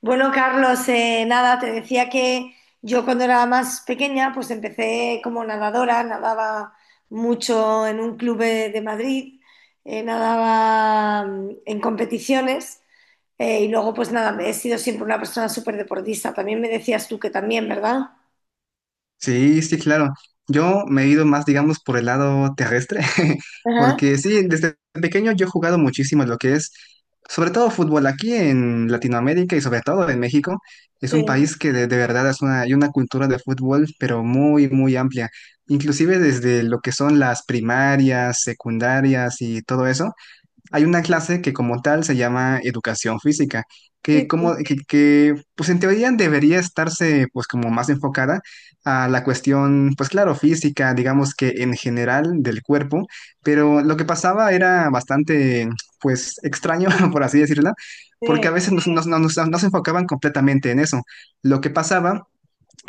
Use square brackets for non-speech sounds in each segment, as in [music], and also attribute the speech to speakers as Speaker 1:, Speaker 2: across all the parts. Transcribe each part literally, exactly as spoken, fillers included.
Speaker 1: Bueno, Carlos, eh, nada, te decía que yo cuando era más pequeña, pues empecé como nadadora, nadaba mucho en un club de, de Madrid. Eh, nadaba mm, en competiciones, eh, y luego pues nada, me he sido siempre una persona súper deportista. También me decías tú que también, ¿verdad?
Speaker 2: Sí, sí, claro. Yo me he ido más, digamos, por el lado terrestre, [laughs]
Speaker 1: Ajá,
Speaker 2: porque sí, desde pequeño yo he jugado muchísimo lo que es, sobre todo fútbol aquí en Latinoamérica y sobre todo en México. Es un
Speaker 1: sí,
Speaker 2: país que de, de verdad es una, hay una cultura de fútbol, pero muy, muy amplia. Inclusive desde lo que son las primarias, secundarias y todo eso hay una clase que como tal se llama educación física, que
Speaker 1: sí,
Speaker 2: como que, que, pues en teoría debería estarse pues como más enfocada a la cuestión, pues claro, física, digamos que en general del cuerpo, pero lo que pasaba era bastante pues extraño, [laughs] por así decirlo, porque
Speaker 1: sí,
Speaker 2: a veces nos, nos, nos, nos no se enfocaban completamente en eso. Lo que pasaba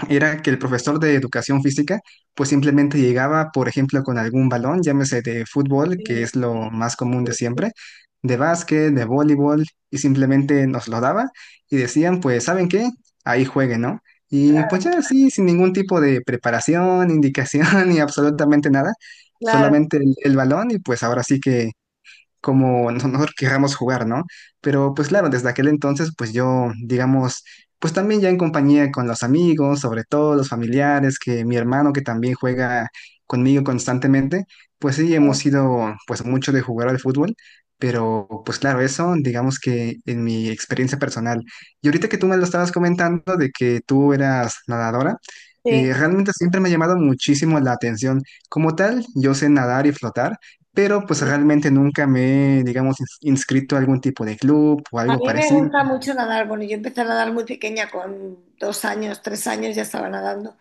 Speaker 2: era que el profesor de educación física pues simplemente llegaba, por ejemplo, con algún balón, llámese de fútbol,
Speaker 1: sí,
Speaker 2: que es lo más común
Speaker 1: sí,
Speaker 2: de
Speaker 1: sí,
Speaker 2: siempre, de básquet, de voleibol, y simplemente nos lo daba y decían, pues, ¿saben qué? Ahí jueguen, ¿no? Y pues
Speaker 1: claro,
Speaker 2: ya así, sin ningún tipo de preparación, indicación [laughs] ni absolutamente nada,
Speaker 1: claro,
Speaker 2: solamente el, el balón y pues ahora sí que como [laughs] no nosotros querramos jugar, ¿no? Pero pues claro, desde aquel entonces, pues yo, digamos, pues también ya en compañía con los amigos, sobre todo los familiares, que mi hermano que también juega conmigo constantemente, pues sí, hemos sido pues mucho de jugar al fútbol. Pero pues claro, eso digamos que en mi experiencia personal. Y ahorita que tú me lo estabas comentando de que tú eras nadadora, eh,
Speaker 1: sí,
Speaker 2: realmente siempre me ha llamado muchísimo la atención. Como tal, yo sé nadar y flotar, pero pues
Speaker 1: sí.
Speaker 2: realmente nunca me, digamos, ins- inscrito a algún tipo de club o
Speaker 1: A
Speaker 2: algo
Speaker 1: mí me
Speaker 2: parecido.
Speaker 1: gusta mucho nadar. Bueno, yo empecé a nadar muy pequeña, con dos años, tres años ya estaba nadando.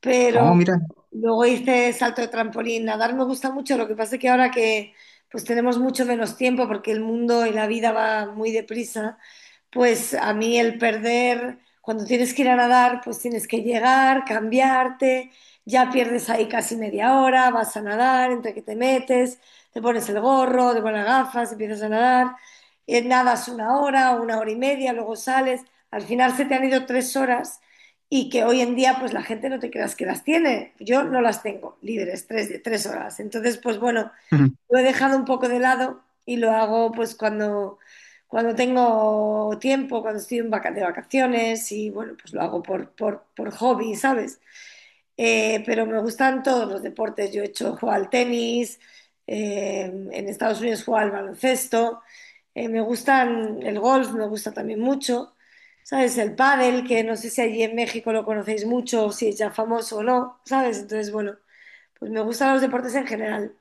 Speaker 1: Pero
Speaker 2: Oh, mira.
Speaker 1: luego hice salto de trampolín. Nadar me gusta mucho. Lo que pasa es que ahora que pues tenemos mucho menos tiempo porque el mundo y la vida va muy deprisa, pues a mí el perder, cuando tienes que ir a nadar, pues tienes que llegar, cambiarte, ya pierdes ahí casi media hora, vas a nadar, entre que te metes, te pones el gorro, te pones las gafas, empiezas a nadar, eh, nadas una hora, una hora y media, luego sales, al final se te han ido tres horas y que hoy en día pues la gente no te creas que las tiene, yo no las tengo libres, tres, tres horas, entonces pues bueno,
Speaker 2: Ujú.
Speaker 1: lo he dejado un poco de lado y lo hago pues cuando, cuando tengo tiempo, cuando estoy en vaca- de vacaciones y bueno, pues lo hago por, por, por hobby, ¿sabes? Eh, pero me gustan todos los deportes. Yo he hecho, juego al tenis, eh, en Estados Unidos juego al baloncesto. Eh, me gustan el golf, me gusta también mucho. ¿Sabes? El pádel, que no sé si allí en México lo conocéis mucho, o si es ya famoso o no, ¿sabes? Entonces, bueno, pues me gustan los deportes en general.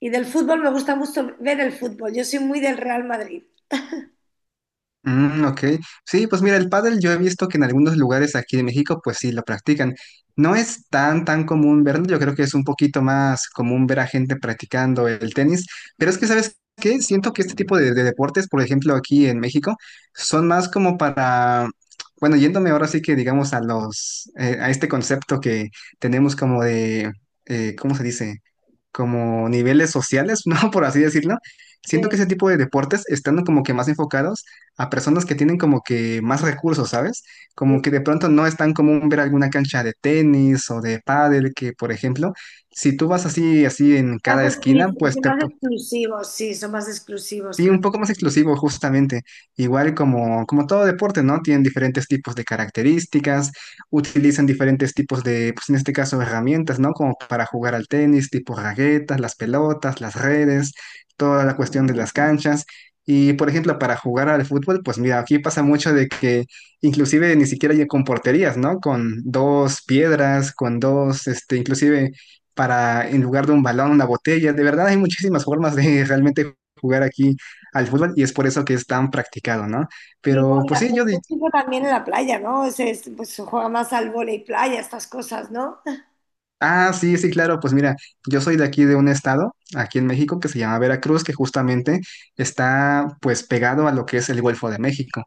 Speaker 1: Y del fútbol me gusta mucho ver el fútbol. Yo soy muy del Real Madrid.
Speaker 2: Mm, ok. Sí, pues mira, el pádel yo he visto que en algunos lugares aquí de México pues sí lo practican. No es tan tan común verlo, yo creo que es un poquito más común ver a gente practicando el tenis, pero es que ¿sabes qué? Siento que este tipo de, de deportes, por ejemplo, aquí en México, son más como para, bueno, yéndome ahora sí que digamos a los, eh, a este concepto que tenemos como de, eh, ¿cómo se dice? Como niveles sociales, [laughs] ¿no? Por así decirlo.
Speaker 1: Sí,
Speaker 2: Siento que ese tipo de deportes están como que más enfocados a personas que tienen como que más recursos, ¿sabes? Como
Speaker 1: sí.
Speaker 2: que de pronto no es tan común ver alguna cancha de tenis o de pádel que, por ejemplo, si tú vas así, así en
Speaker 1: Más
Speaker 2: cada esquina,
Speaker 1: exclu-
Speaker 2: pues
Speaker 1: son
Speaker 2: te.
Speaker 1: más exclusivos, sí, son más exclusivos,
Speaker 2: Sí, un
Speaker 1: claro.
Speaker 2: poco más exclusivo justamente. Igual como, como todo deporte, ¿no? Tienen diferentes tipos de características, utilizan diferentes tipos de, pues en este caso, herramientas, ¿no? Como para jugar al tenis, tipo raquetas, las pelotas, las redes, toda la cuestión de las canchas. Y, por ejemplo, para jugar al fútbol, pues mira, aquí pasa mucho de que inclusive ni siquiera hay con porterías, ¿no? Con dos piedras, con dos, este, inclusive para, en lugar de un balón, una botella. De verdad hay muchísimas formas de [laughs] realmente jugar aquí al fútbol y es por eso que es tan practicado, ¿no?
Speaker 1: Sí, no,
Speaker 2: Pero
Speaker 1: y
Speaker 2: pues
Speaker 1: la-
Speaker 2: sí, yo
Speaker 1: el
Speaker 2: di-
Speaker 1: fútbol también en la playa, ¿no? Se, es- pues se juega más al vóley playa, estas cosas, ¿no?
Speaker 2: ah, sí, sí, claro, pues mira, yo soy de aquí de un estado, aquí en México, que se llama Veracruz, que justamente está pues pegado a lo que es el Golfo de México.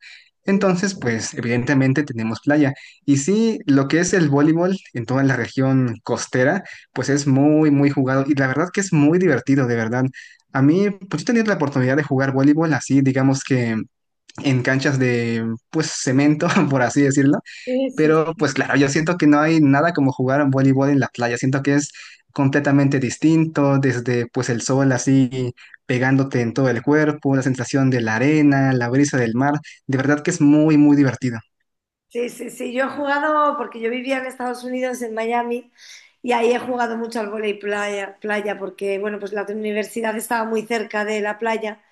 Speaker 1: Sí,
Speaker 2: Entonces, pues evidentemente tenemos playa. Y sí, lo que es el voleibol en toda la región costera, pues es muy, muy jugado y la verdad que es muy divertido, de verdad. A mí, pues yo tenía la oportunidad de jugar voleibol así, digamos que en canchas de, pues, cemento, [laughs] por así decirlo.
Speaker 1: sí,
Speaker 2: Pero pues claro, yo siento que no hay nada como jugar a voleibol en la playa. Siento que es completamente distinto, desde pues el sol así pegándote en todo el cuerpo, la sensación de la arena, la brisa del mar. De verdad que es muy, muy divertido.
Speaker 1: sí, sí, sí. Yo he jugado, porque yo vivía en Estados Unidos, en Miami, y ahí he jugado mucho al vóley playa, playa, porque, bueno, pues la universidad estaba muy cerca de la playa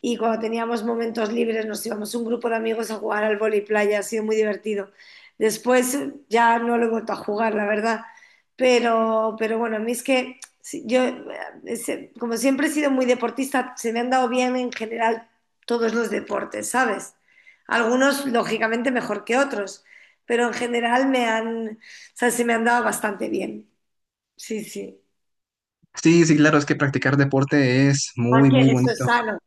Speaker 1: y cuando teníamos momentos libres nos íbamos un grupo de amigos a jugar al vóley playa, ha sido muy divertido. Después ya no lo he vuelto a jugar, la verdad, pero, pero bueno, a mí es que sí, yo, eh, es- como siempre he sido muy deportista, se me han dado bien en general todos los deportes, ¿sabes? Algunos, lógicamente, mejor que otros, pero en general me han, o sea, se me han dado bastante bien. Sí, sí.
Speaker 2: Sí, sí, claro, es que practicar deporte es muy, muy
Speaker 1: Aunque eso es
Speaker 2: bonito.
Speaker 1: sano.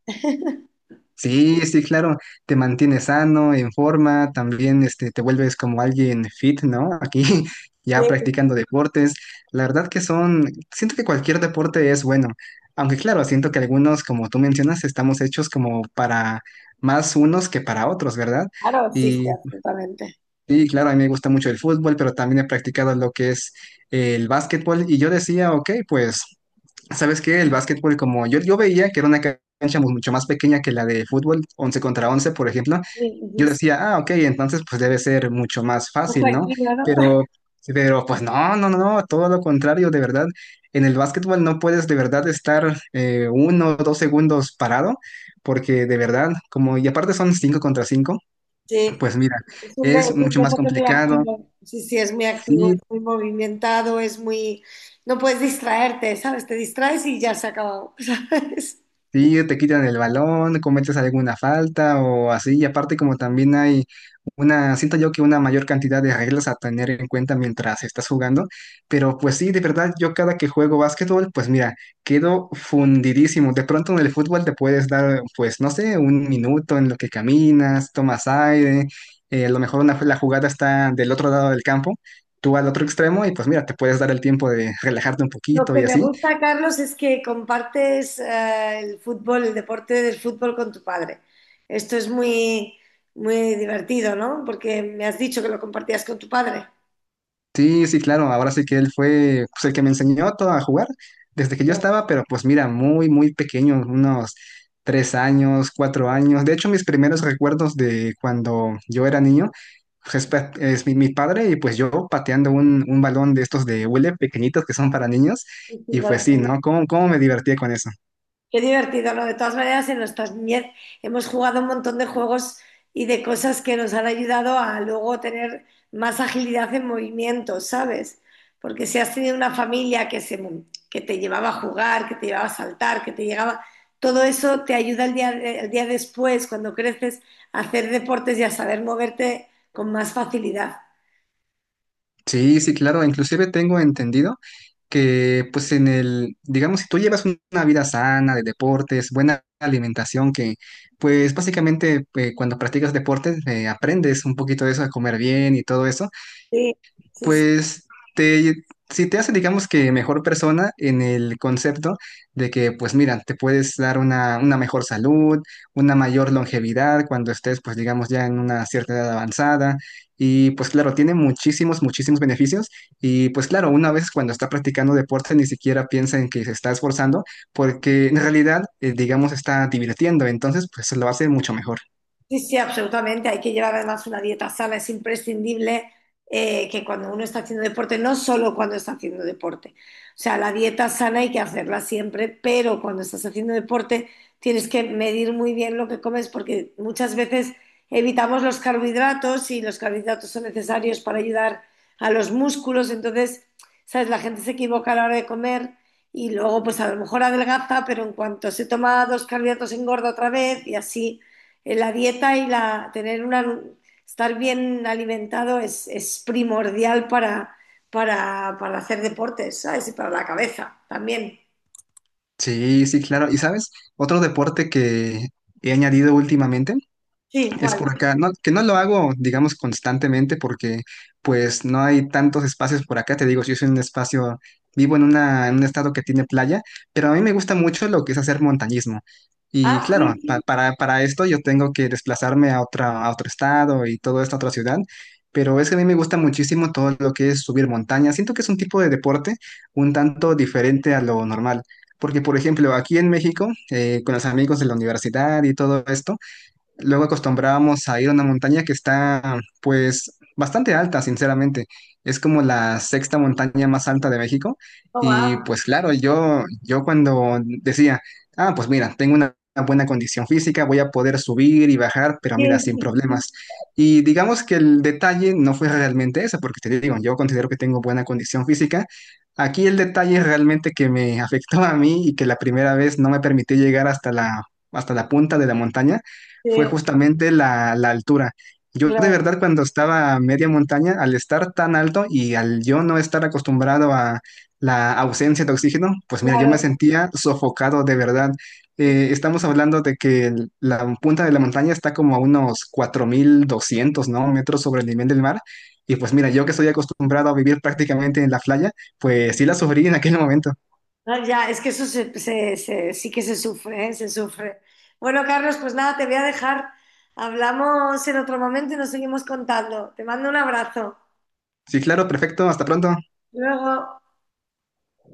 Speaker 2: Sí, sí, claro, te mantienes sano, en forma, también este, te vuelves como alguien fit, ¿no? Aquí [laughs] ya
Speaker 1: Sí,
Speaker 2: practicando deportes. La verdad que son, siento que cualquier deporte es bueno, aunque claro, siento que algunos, como tú mencionas, estamos hechos como para más unos que para otros, ¿verdad?
Speaker 1: claro, sí, sí,
Speaker 2: Y,
Speaker 1: absolutamente.
Speaker 2: y claro, a mí me gusta mucho el fútbol, pero también he practicado lo que es el básquetbol y yo decía, ok, pues. ¿Sabes qué? El básquetbol, como yo, yo veía que era una cancha mu- mucho más pequeña que la de fútbol, once contra once, por ejemplo,
Speaker 1: Sí,
Speaker 2: yo
Speaker 1: sí,
Speaker 2: decía, ah, ok, entonces pues debe ser mucho más
Speaker 1: está
Speaker 2: fácil, ¿no?
Speaker 1: tranquila, ¿no?
Speaker 2: Pero, pero pues no, no, no, no, todo lo contrario, de verdad. En el básquetbol no puedes de verdad estar eh, uno o dos segundos parado, porque de verdad, como, y aparte son cinco contra cinco,
Speaker 1: Sí,
Speaker 2: pues mira,
Speaker 1: es un, de- es
Speaker 2: es
Speaker 1: un
Speaker 2: mucho más
Speaker 1: deporte muy
Speaker 2: complicado.
Speaker 1: activo. Sí, sí, es muy activo, es
Speaker 2: Sí,
Speaker 1: muy movimentado, es muy... No puedes distraerte, ¿sabes? Te distraes y ya se ha acabado, [laughs] ¿sabes?
Speaker 2: sí, te quitan el balón, cometes alguna falta o así. Y aparte como también hay una, siento yo que una mayor cantidad de reglas a tener en cuenta mientras estás jugando. Pero pues sí, de verdad, yo cada que juego básquetbol, pues mira, quedo fundidísimo. De pronto en el fútbol te puedes dar, pues no sé, un minuto en lo que caminas, tomas aire. Eh, a lo mejor una, la jugada está del otro lado del campo, tú al otro extremo y pues mira, te puedes dar el tiempo de relajarte un
Speaker 1: Lo
Speaker 2: poquito y
Speaker 1: que me
Speaker 2: así.
Speaker 1: gusta, Carlos, es que compartes eh, el fútbol, el deporte del fútbol con tu padre. Esto es muy, muy divertido, ¿no? Porque me has dicho que lo compartías con tu padre.
Speaker 2: Sí, sí, claro. Ahora sí que él fue pues, el que me enseñó todo a jugar desde que yo
Speaker 1: Ya,
Speaker 2: estaba, pero pues mira, muy, muy pequeño, unos tres años, cuatro años. De hecho, mis primeros recuerdos de cuando yo era niño, pues, es, pa- es mi, mi padre y pues yo pateando un, un balón de estos de hule pequeñitos que son para niños.
Speaker 1: sí, sí,
Speaker 2: Y pues
Speaker 1: vale.
Speaker 2: sí, ¿no? ¿Cómo, cómo me divertía con eso?
Speaker 1: Qué divertido, ¿no? De todas maneras, en nuestra niñez hemos jugado un montón de juegos y de cosas que nos han ayudado a luego tener más agilidad en movimiento, ¿sabes? Porque si has tenido una familia que, se, que te llevaba a jugar, que te llevaba a saltar, que te llegaba, todo eso te ayuda el día, el día después, cuando creces, a hacer deportes y a saber moverte con más facilidad.
Speaker 2: Sí, sí, claro. Inclusive tengo entendido que, pues, en el, digamos, si tú llevas un- una vida sana de deportes, buena alimentación, que, pues, básicamente, eh, cuando practicas deportes, eh, aprendes un poquito de eso, a comer bien y todo eso.
Speaker 1: Sí, sí, sí.
Speaker 2: Pues te, si te hace, digamos que mejor persona en el concepto de que, pues mira, te puedes dar una, una mejor salud, una mayor longevidad cuando estés, pues digamos, ya en una cierta edad avanzada. Y pues claro, tiene muchísimos, muchísimos beneficios. Y pues claro, una vez cuando está practicando deporte ni siquiera piensa en que se está esforzando porque en realidad, eh, digamos, está divirtiendo. Entonces, pues lo hace mucho mejor.
Speaker 1: Sí, sí, absolutamente. Hay que llevar además una dieta sana. Es imprescindible, eh, que cuando uno está haciendo deporte, no solo cuando está haciendo deporte, o sea, la dieta sana hay que hacerla siempre, pero cuando estás haciendo deporte tienes que medir muy bien lo que comes porque muchas veces evitamos los carbohidratos y los carbohidratos son necesarios para ayudar a los músculos. Entonces, ¿sabes? La gente se equivoca a la hora de comer y luego pues a lo mejor adelgaza, pero en cuanto se toma dos carbohidratos engorda otra vez y así, eh, la dieta y la, tener una, estar bien alimentado es, es primordial para, para, para hacer deportes, ¿sabes? Y para la cabeza también.
Speaker 2: Sí, sí, claro. ¿Y sabes? Otro deporte que he añadido últimamente.
Speaker 1: Sí.
Speaker 2: Es
Speaker 1: ¿Cuál?
Speaker 2: por acá, no, que no lo hago, digamos, constantemente porque pues no hay tantos espacios por acá, te digo, yo soy un espacio, vivo en una, en un estado que tiene playa, pero a mí me gusta mucho lo que es hacer montañismo.
Speaker 1: Ah,
Speaker 2: Y claro,
Speaker 1: sí,
Speaker 2: pa-
Speaker 1: sí.
Speaker 2: para, para esto yo tengo que desplazarme a otra, a otro estado y todo esto a otra ciudad, pero es que a mí me gusta muchísimo todo lo que es subir montaña. Siento que es un tipo de deporte un tanto diferente a lo normal, porque por ejemplo, aquí en México, eh, con los amigos de la universidad y todo esto, luego acostumbrábamos a ir a una montaña que está, pues, bastante alta, sinceramente. Es como la sexta montaña más alta de México.
Speaker 1: Oh,
Speaker 2: Y
Speaker 1: wow.
Speaker 2: pues claro, yo, yo cuando decía, ah, pues mira, tengo una buena condición física, voy a poder subir y bajar, pero
Speaker 1: Sí,
Speaker 2: mira, sin
Speaker 1: sí,
Speaker 2: problemas. Y digamos que el detalle no fue realmente eso, porque te digo, yo considero que tengo buena condición física. Aquí el detalle realmente que me [laughs] afectó a mí y que la primera vez no me permitió llegar hasta la, hasta la punta de la montaña fue
Speaker 1: sí,
Speaker 2: justamente la, la altura. Yo de
Speaker 1: claro,
Speaker 2: verdad cuando estaba a media montaña, al estar tan alto y al yo no estar acostumbrado a la ausencia de oxígeno, pues mira, yo me
Speaker 1: claro.
Speaker 2: sentía sofocado de verdad. Eh, estamos hablando de que el- la punta de la montaña está como a unos cuatro mil doscientos ¿no? metros sobre el nivel del mar. Y pues mira, yo que estoy acostumbrado a vivir prácticamente en la playa, pues sí la sufrí en aquel momento.
Speaker 1: Ah, ya, es que eso se- se- se- sí que se sufre, ¿eh? Se sufre. Bueno, Carlos, pues nada, te voy a dejar. Hablamos en otro momento y nos seguimos contando. Te mando un abrazo.
Speaker 2: Sí, claro, perfecto, hasta pronto.
Speaker 1: Luego.